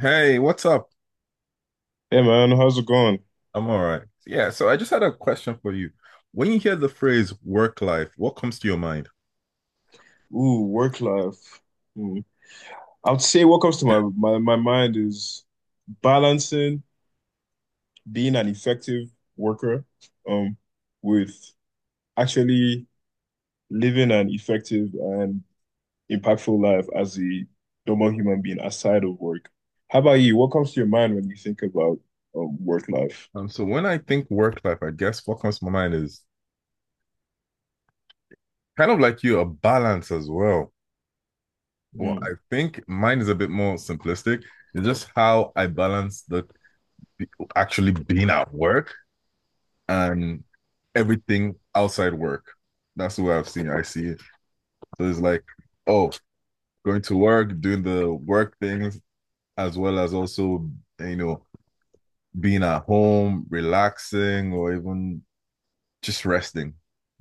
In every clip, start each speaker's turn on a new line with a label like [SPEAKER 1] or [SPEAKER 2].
[SPEAKER 1] Hey, what's up?
[SPEAKER 2] Hey man, how's it going?
[SPEAKER 1] I'm all right. Yeah, so I just had a question for you. When you hear the phrase work life, what comes to your mind?
[SPEAKER 2] Ooh, work life. Hmm. I would say what comes to my mind is balancing, being an effective worker, um with actually living an effective and impactful life as a normal human being aside of work. How about you? What comes to your mind when you think about work life?
[SPEAKER 1] So when I think work life, I guess what comes to my mind is kind of like you, a balance as well. But
[SPEAKER 2] Mm,
[SPEAKER 1] I think mine is a bit more simplistic. It's just how I balance the actually being at work and everything outside work. That's the way I see it. So it's like, oh, going to work, doing the work things, as well as also, you know, being at home, relaxing, or even just resting.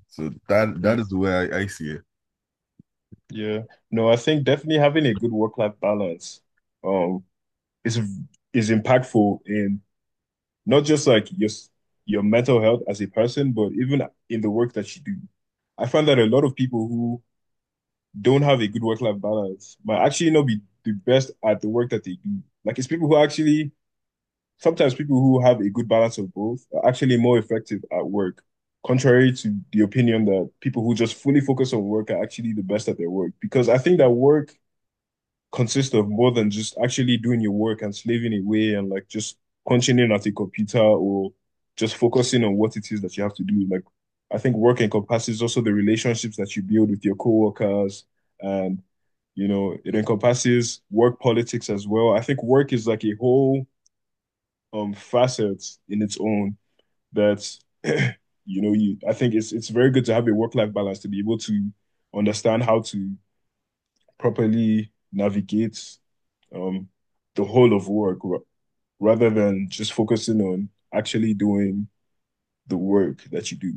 [SPEAKER 1] So that
[SPEAKER 2] mm,
[SPEAKER 1] is the way I see it.
[SPEAKER 2] yeah. No, I think definitely having a good work-life balance um is is impactful in not just like your mental health as a person, but even in the work that you do. I find that a lot of people who don't have a good work-life balance might actually not be the best at the work that they do. Like it's people who actually, sometimes people who have a good balance of both are actually more effective at work, contrary to the opinion that people who just fully focus on work are actually the best at their work. Because I think that work consist of more than just actually doing your work and slaving away and like just punching in at a computer or just focusing on what it is that you have to do. Like, I think work encompasses also the relationships that you build with your coworkers and, you know, it encompasses work politics as well. I think work is like a whole facet in its own that you know, you I think it's very good to have a work-life balance to be able to understand how to properly navigate, um, the whole of work rather than just focusing on actually doing the work that you do.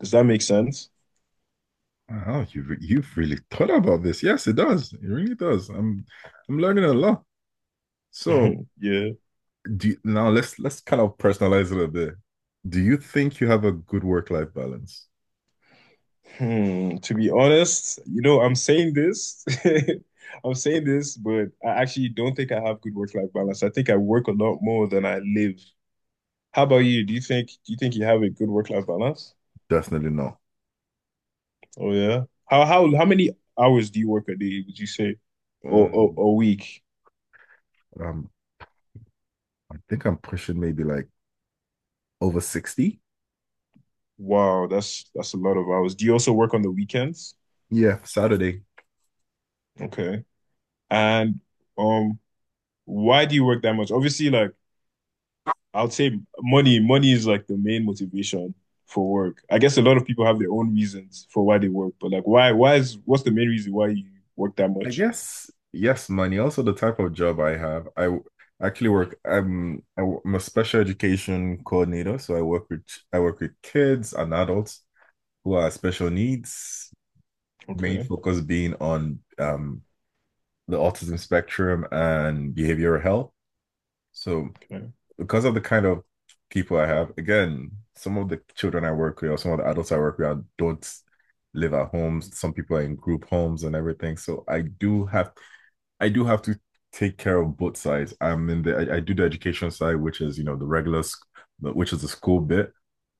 [SPEAKER 2] Does that make sense?
[SPEAKER 1] Oh, you've really thought about this. Yes, it does. It really does. I'm learning a lot. So
[SPEAKER 2] Yeah.
[SPEAKER 1] now let's kind of personalize it a bit. Do you think you have a good work life balance?
[SPEAKER 2] Hmm. To be honest, you know, I'm saying this. I'm saying this, but I actually don't think I have good work-life balance. I think I work a lot more than I live. How about you? Do you think you have a good work-life balance?
[SPEAKER 1] Definitely not.
[SPEAKER 2] Oh yeah. How many hours do you work a day, would you say? Or
[SPEAKER 1] Um,
[SPEAKER 2] a week?
[SPEAKER 1] um, I think I'm pushing maybe like over 60.
[SPEAKER 2] Wow, that's a lot of hours. Do you also work on the weekends?
[SPEAKER 1] Yeah, Saturday.
[SPEAKER 2] Okay. And um, why do you work that much? Obviously, like, I'd say money, money is like the main motivation for work. I guess a lot of people have their own reasons for why they work, but like, why is, what's the main reason why you work that
[SPEAKER 1] I
[SPEAKER 2] much?
[SPEAKER 1] guess yes, money. Also, the type of job I have. Actually work. I'm a special education coordinator, so I work with kids and adults who are special needs. Main
[SPEAKER 2] Okay.
[SPEAKER 1] focus being on the autism spectrum and behavioral health. So
[SPEAKER 2] Okay.
[SPEAKER 1] because of the kind of people I have, again, some of the children I work with or some of the adults I work with don't live at homes. Some people are in group homes and everything. So I do have to take care of both sides. I do the education side, which is the regular, which is the school bit.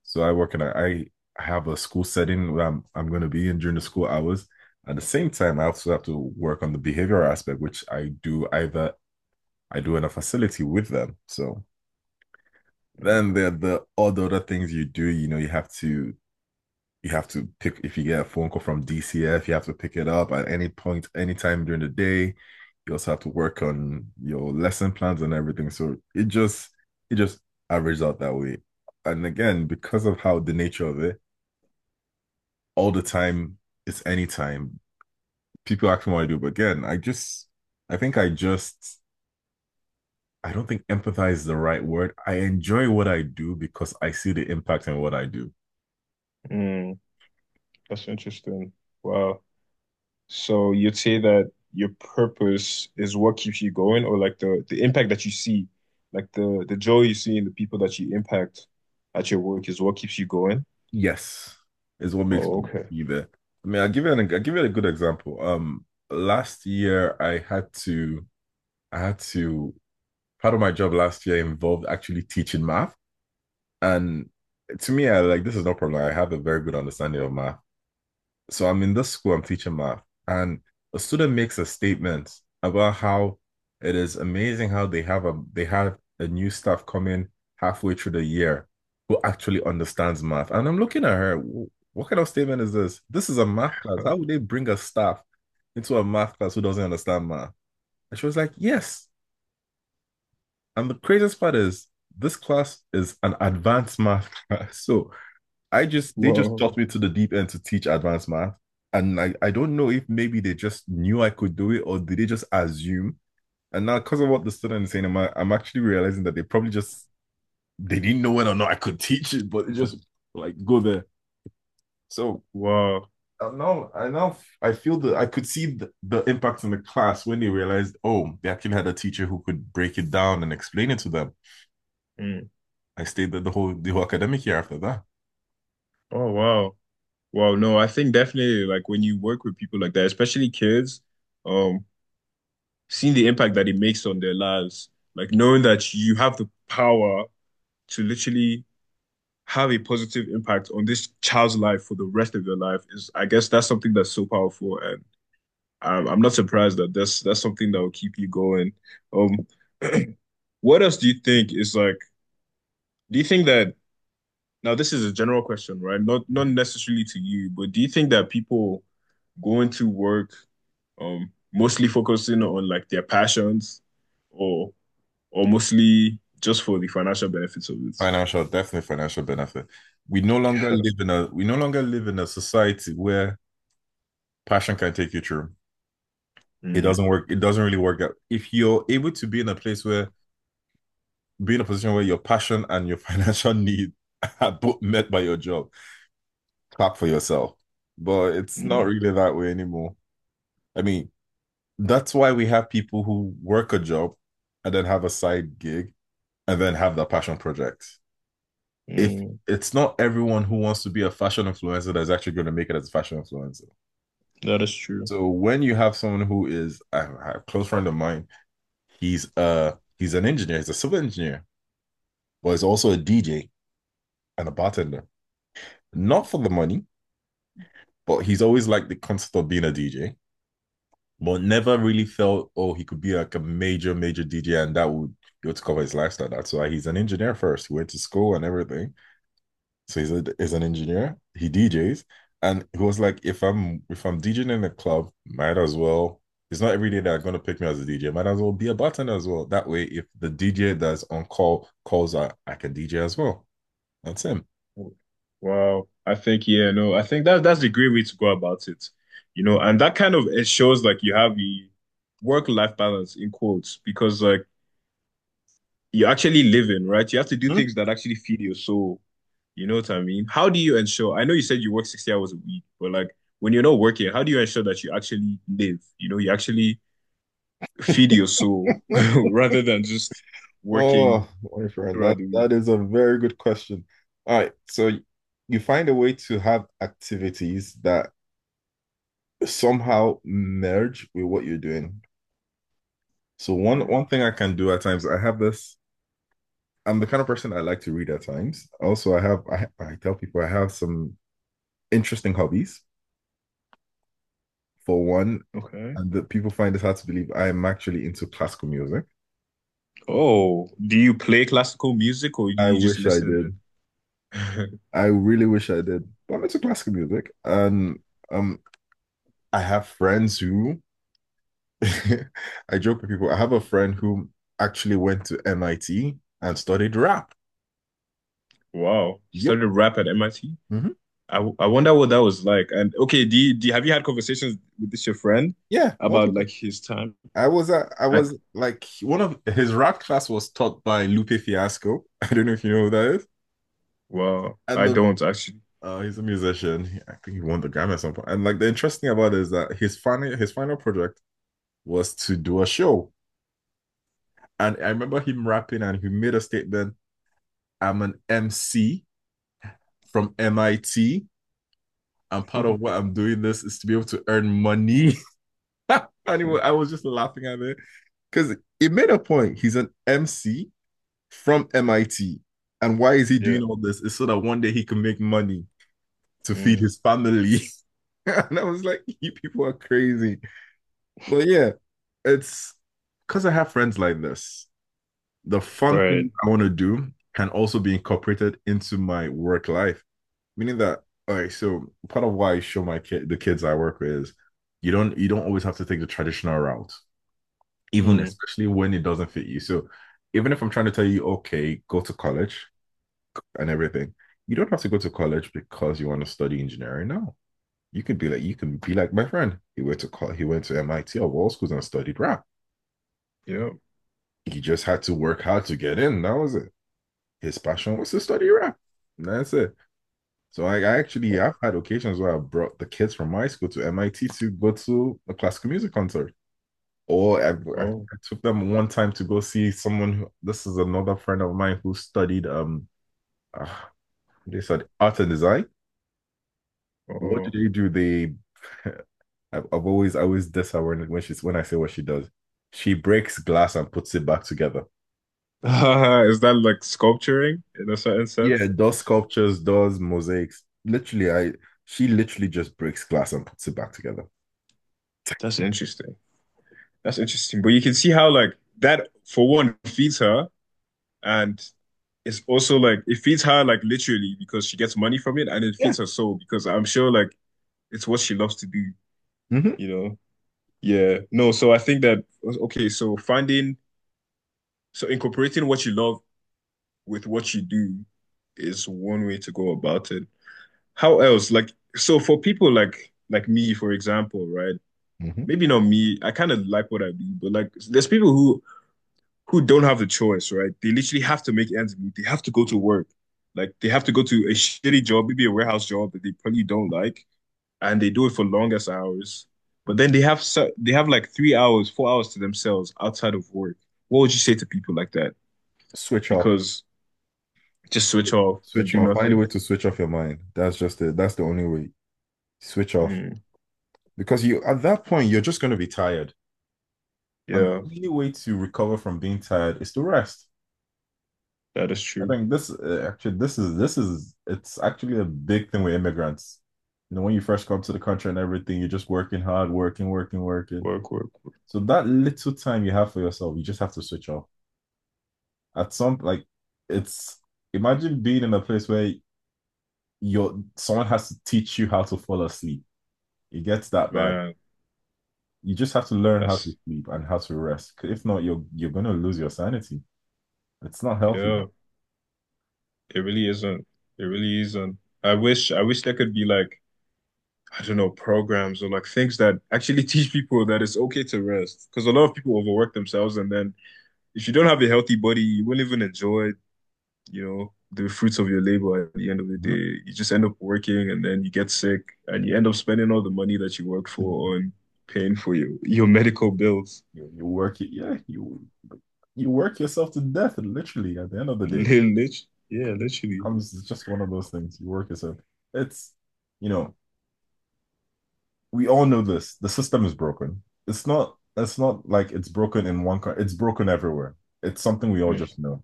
[SPEAKER 1] So I have a school setting where I'm going to be in during the school hours. At the same time, I also have to work on the behavioral aspect, which I do in a facility with them. So then there are the all the other things you do. You know, you have to pick if you get a phone call from DCF, you have to pick it up at any point, anytime during the day. You also have to work on your lesson plans and everything. So it just averages out that way. And again, because of how the nature of it, all the time it's any time people ask me what I do, but again, I just I think I just I don't think empathize is the right word. I enjoy what I do because I see the impact in what I do.
[SPEAKER 2] Mm, that's interesting. Wow. So you'd say that your purpose is what keeps you going, or like the impact that you see, like the joy you see in the people that you impact at your work is what keeps you going.
[SPEAKER 1] Yes, is what makes
[SPEAKER 2] Oh, okay.
[SPEAKER 1] you there. I mean, I'll give you a good example. Last year I had to part of my job last year involved actually teaching math. And to me, I like this is no problem. I have a very good understanding of math. So I'm in this school, I'm teaching math, and a student makes a statement about how it is amazing how they have a new staff coming halfway through the year who actually understands math. And I'm looking at her, What kind of statement is this? This is a math class.
[SPEAKER 2] Huh.
[SPEAKER 1] How would they bring a staff into a math class who doesn't understand math?" And she was like, yes. And the craziest part is this class is an advanced math class. So I just they just
[SPEAKER 2] Wow.
[SPEAKER 1] tossed me to the deep end to teach advanced math. And I don't know if maybe they just knew I could do it or did they just assume? And now because of what the student is saying, I'm actually realizing that they probably just they didn't know whether or not I could teach it, but it just like go there. So
[SPEAKER 2] Wow.
[SPEAKER 1] now I feel that I could see the impact in the class when they realized, oh, they actually had a teacher who could break it down and explain it to them.
[SPEAKER 2] Mm.
[SPEAKER 1] I stayed there the whole academic year after that.
[SPEAKER 2] Oh, wow. Wow. No, I think definitely like when you work with people like that, especially kids, um, seeing the impact that it makes on their lives, like knowing that you have the power to literally have a positive impact on this child's life for the rest of your life is, I guess, that's something that's so powerful, and I'm not surprised that that's something that will keep you going. Um, what else do you think is like? Do you think that, now this is a general question, right? Not not necessarily to you, but do you think that people going to work, mostly focusing on like their passions, or or mostly just for the financial benefits of it?
[SPEAKER 1] Financial, definitely financial benefit. We no longer live in a we no longer live in a society where passion can take you through. It doesn't
[SPEAKER 2] Mm,
[SPEAKER 1] work. It doesn't really work out. If you're able to be in a position where your passion and your financial need are both met by your job, clap for yourself. But it's not
[SPEAKER 2] mm,
[SPEAKER 1] really that way anymore. I mean, that's why we have people who work a job and then have a side gig and then have that passion project. If
[SPEAKER 2] mm.
[SPEAKER 1] it's not everyone who wants to be a fashion influencer that's actually going to make it as a fashion influencer.
[SPEAKER 2] That is true.
[SPEAKER 1] So when you have someone who is I have a close friend of mine. He's an engineer, he's a civil engineer, but he's also a DJ and a bartender. Not for the money, but he's always liked the concept of being a DJ, but never really felt oh he could be like a major major DJ and that would go to cover his lifestyle. That's why he's an engineer first. He went to school and everything, so he's an engineer. He DJs, and he was like, if I'm DJing in a club, might as well. It's not every day they're gonna pick me as a DJ. Might as well be a bartender as well. That way, if the DJ that's on call calls, I can DJ as well. That's him.
[SPEAKER 2] Wow. I think, yeah, no, I think that that's the great way to go about it. You know, and that kind of, it shows like you have a work-life balance in quotes, because like you're actually living, right? You have to do
[SPEAKER 1] Hmm?
[SPEAKER 2] things that actually feed your soul. You know what I mean? How do you ensure? I know you said you work 60 hours a week, but like when you're not working, how do you ensure that you actually live? You know, you actually feed your soul rather than just working
[SPEAKER 1] Oh, my friend,
[SPEAKER 2] throughout
[SPEAKER 1] that
[SPEAKER 2] the week.
[SPEAKER 1] that is a very good question. All right, so you find a way to have activities that somehow merge with what you're doing. So one
[SPEAKER 2] Mm,
[SPEAKER 1] one thing I can do at times, I have this I'm the kind of person I like to read at times. Also, I tell people I have some interesting hobbies. For one,
[SPEAKER 2] okay.
[SPEAKER 1] and that people find it hard to believe I am actually into classical music.
[SPEAKER 2] Oh, do you play classical music or do
[SPEAKER 1] I
[SPEAKER 2] you just
[SPEAKER 1] wish I
[SPEAKER 2] listen?
[SPEAKER 1] did. I really wish I did. But I'm into classical music, and um, I have friends who I joke with people. I have a friend who actually went to MIT and studied rap.
[SPEAKER 2] Wow. He
[SPEAKER 1] Yep.
[SPEAKER 2] started rap at MIT. I, T.
[SPEAKER 1] Hmm.
[SPEAKER 2] I wonder what that was like. And okay, do you- have you had conversations with this your friend
[SPEAKER 1] Yeah,
[SPEAKER 2] about
[SPEAKER 1] multiple.
[SPEAKER 2] like his time?
[SPEAKER 1] I was uh, I
[SPEAKER 2] I,
[SPEAKER 1] was like one of his rap class was taught by Lupe Fiasco. I don't know if you know who that is.
[SPEAKER 2] well,
[SPEAKER 1] And
[SPEAKER 2] I
[SPEAKER 1] the
[SPEAKER 2] don't actually.
[SPEAKER 1] He's a musician. I think he won the Grammy at some point. And like the interesting thing about it is that his final project was to do a show. And I remember him rapping and he made a statement, "I'm an MC from MIT. And part of what I'm doing this is to be able to earn money." Anyway, I was just laughing at it. Because it made a point. He's an MC from MIT. And why is he
[SPEAKER 2] Yeah.
[SPEAKER 1] doing all this? It's so that one day he can make money to feed
[SPEAKER 2] Mm.
[SPEAKER 1] his family. And I was like, you people are crazy. But yeah, it's because I have friends like this. The fun thing
[SPEAKER 2] Right.
[SPEAKER 1] I want to do can also be incorporated into my work life, meaning that, all right. So part of why I show my kid the kids I work with is you don't always have to take the traditional route, even
[SPEAKER 2] Mm.
[SPEAKER 1] especially when it doesn't fit you. So even if I'm trying to tell you, okay, go to college, and everything. You don't have to go to college because you want to study engineering. No, you can be like my friend. He went to MIT or all schools and studied rap.
[SPEAKER 2] Yeah.
[SPEAKER 1] He just had to work hard to get in. That was it. His passion was to study rap. And that's it. So I, I actually
[SPEAKER 2] Wow.
[SPEAKER 1] I've had occasions where I brought the kids from my school to MIT to go to a classical music concert. Or I,
[SPEAKER 2] Oh.
[SPEAKER 1] I took them one time to go see someone. This is another friend of mine who studied uh, they said art and design. What did
[SPEAKER 2] Oh.
[SPEAKER 1] you do? The I always diss her when she's when I say what she does. She breaks glass and puts it back together.
[SPEAKER 2] Is that like sculpturing in a certain
[SPEAKER 1] Yeah,
[SPEAKER 2] sense?
[SPEAKER 1] does sculptures, does mosaics. Literally, I she literally just breaks glass and puts it back together.
[SPEAKER 2] That's interesting. That's interesting. But you can see how like that for one feeds her. And it's also like it feeds her like literally because she gets money from it and it
[SPEAKER 1] Yeah.
[SPEAKER 2] feeds her soul because I'm sure like it's what she loves to do,
[SPEAKER 1] Hmm.
[SPEAKER 2] you know? Yeah. No, so I think that, okay, so finding so incorporating what you love with what you do is one way to go about it. How else? Like so for people like me, for example, right?
[SPEAKER 1] Hmm.
[SPEAKER 2] Maybe not me. I kind of like what I do, but like there's people who don't have the choice, right? They literally have to make ends meet. They have to go to work. Like they have to go to a shitty job, maybe a warehouse job that they probably don't like, and they do it for longest hours. But then they have like 3 hours, 4 hours to themselves outside of work. What would you say to people like that?
[SPEAKER 1] Switch off.
[SPEAKER 2] Because just switch off and
[SPEAKER 1] Switch
[SPEAKER 2] do
[SPEAKER 1] off. Find a
[SPEAKER 2] nothing.
[SPEAKER 1] way to switch off your mind. That's just it. That's the only way. Switch off.
[SPEAKER 2] Mm,
[SPEAKER 1] Because you at that point you're just going to be tired. And
[SPEAKER 2] yeah,
[SPEAKER 1] the only way to recover from being tired is to rest.
[SPEAKER 2] that is
[SPEAKER 1] I
[SPEAKER 2] true.
[SPEAKER 1] think this actually this is it's actually a big thing with immigrants. You know, when you first come to the country and everything, you're just working hard, working, working, working.
[SPEAKER 2] Work, work, work.
[SPEAKER 1] So that little time you have for yourself, you just have to switch off. At some like it's Imagine being in a place where you're someone has to teach you how to fall asleep. It gets that bad.
[SPEAKER 2] Man,
[SPEAKER 1] You just have to learn how to
[SPEAKER 2] that's
[SPEAKER 1] sleep and how to rest. 'Cause if not, you're gonna lose your sanity. It's not healthy.
[SPEAKER 2] yeah. It really isn't. It really isn't. I wish there could be like, I don't know, programs or like things that actually teach people that it's okay to rest. Because a lot of people overwork themselves, and then if you don't have a healthy body, you won't even enjoy, you know, the fruits of your labor at the end of the
[SPEAKER 1] No.
[SPEAKER 2] day. You just end up working, and then you get sick, and you end up spending all the money that you worked for on paying for your medical bills.
[SPEAKER 1] You work it, yeah. You work yourself to death, literally. At the end of the day,
[SPEAKER 2] Lit, yeah, literally.
[SPEAKER 1] comes it's just one of those things. You work yourself. It's you know we all know this. The system is broken. It's not. It's not like it's broken in one. It's broken everywhere. It's something we all just know.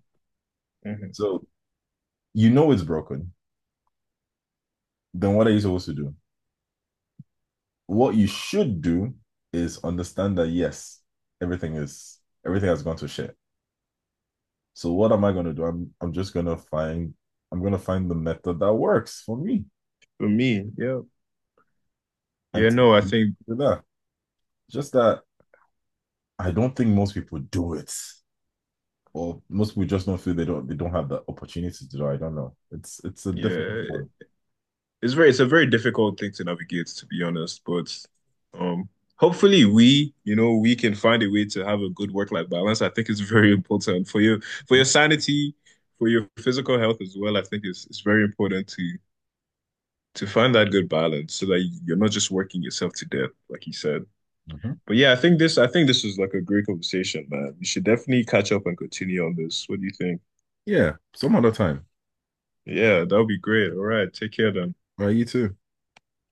[SPEAKER 2] Mhm.
[SPEAKER 1] So you know it's broken. Then what are you supposed to do? What you should do is understand that yes, everything is everything has gone to shit. So what am I going to do? I'm just going to find the method that works for me
[SPEAKER 2] For me, yeah,
[SPEAKER 1] and
[SPEAKER 2] yeah.
[SPEAKER 1] teach
[SPEAKER 2] No, I
[SPEAKER 1] you
[SPEAKER 2] think
[SPEAKER 1] that. Just that I don't think most people do it. Or most people just don't feel they don't have the opportunity to do it. I don't know. It's a difficult
[SPEAKER 2] yeah.
[SPEAKER 1] one.
[SPEAKER 2] It's very, it's a very difficult thing to navigate, to be honest. But um, hopefully we, you know, we can find a way to have a good work-life balance. I think it's very important for your, for your sanity, for your physical health as well. I think it's very important to find that good balance so that you're not just working yourself to death, like you said.
[SPEAKER 1] Mhm.
[SPEAKER 2] But yeah, I think this is like a great conversation, man. We should definitely catch up and continue on this. What do you think?
[SPEAKER 1] Yeah, some other time.
[SPEAKER 2] Yeah, that would be great. All right, take care then.
[SPEAKER 1] All right, you too.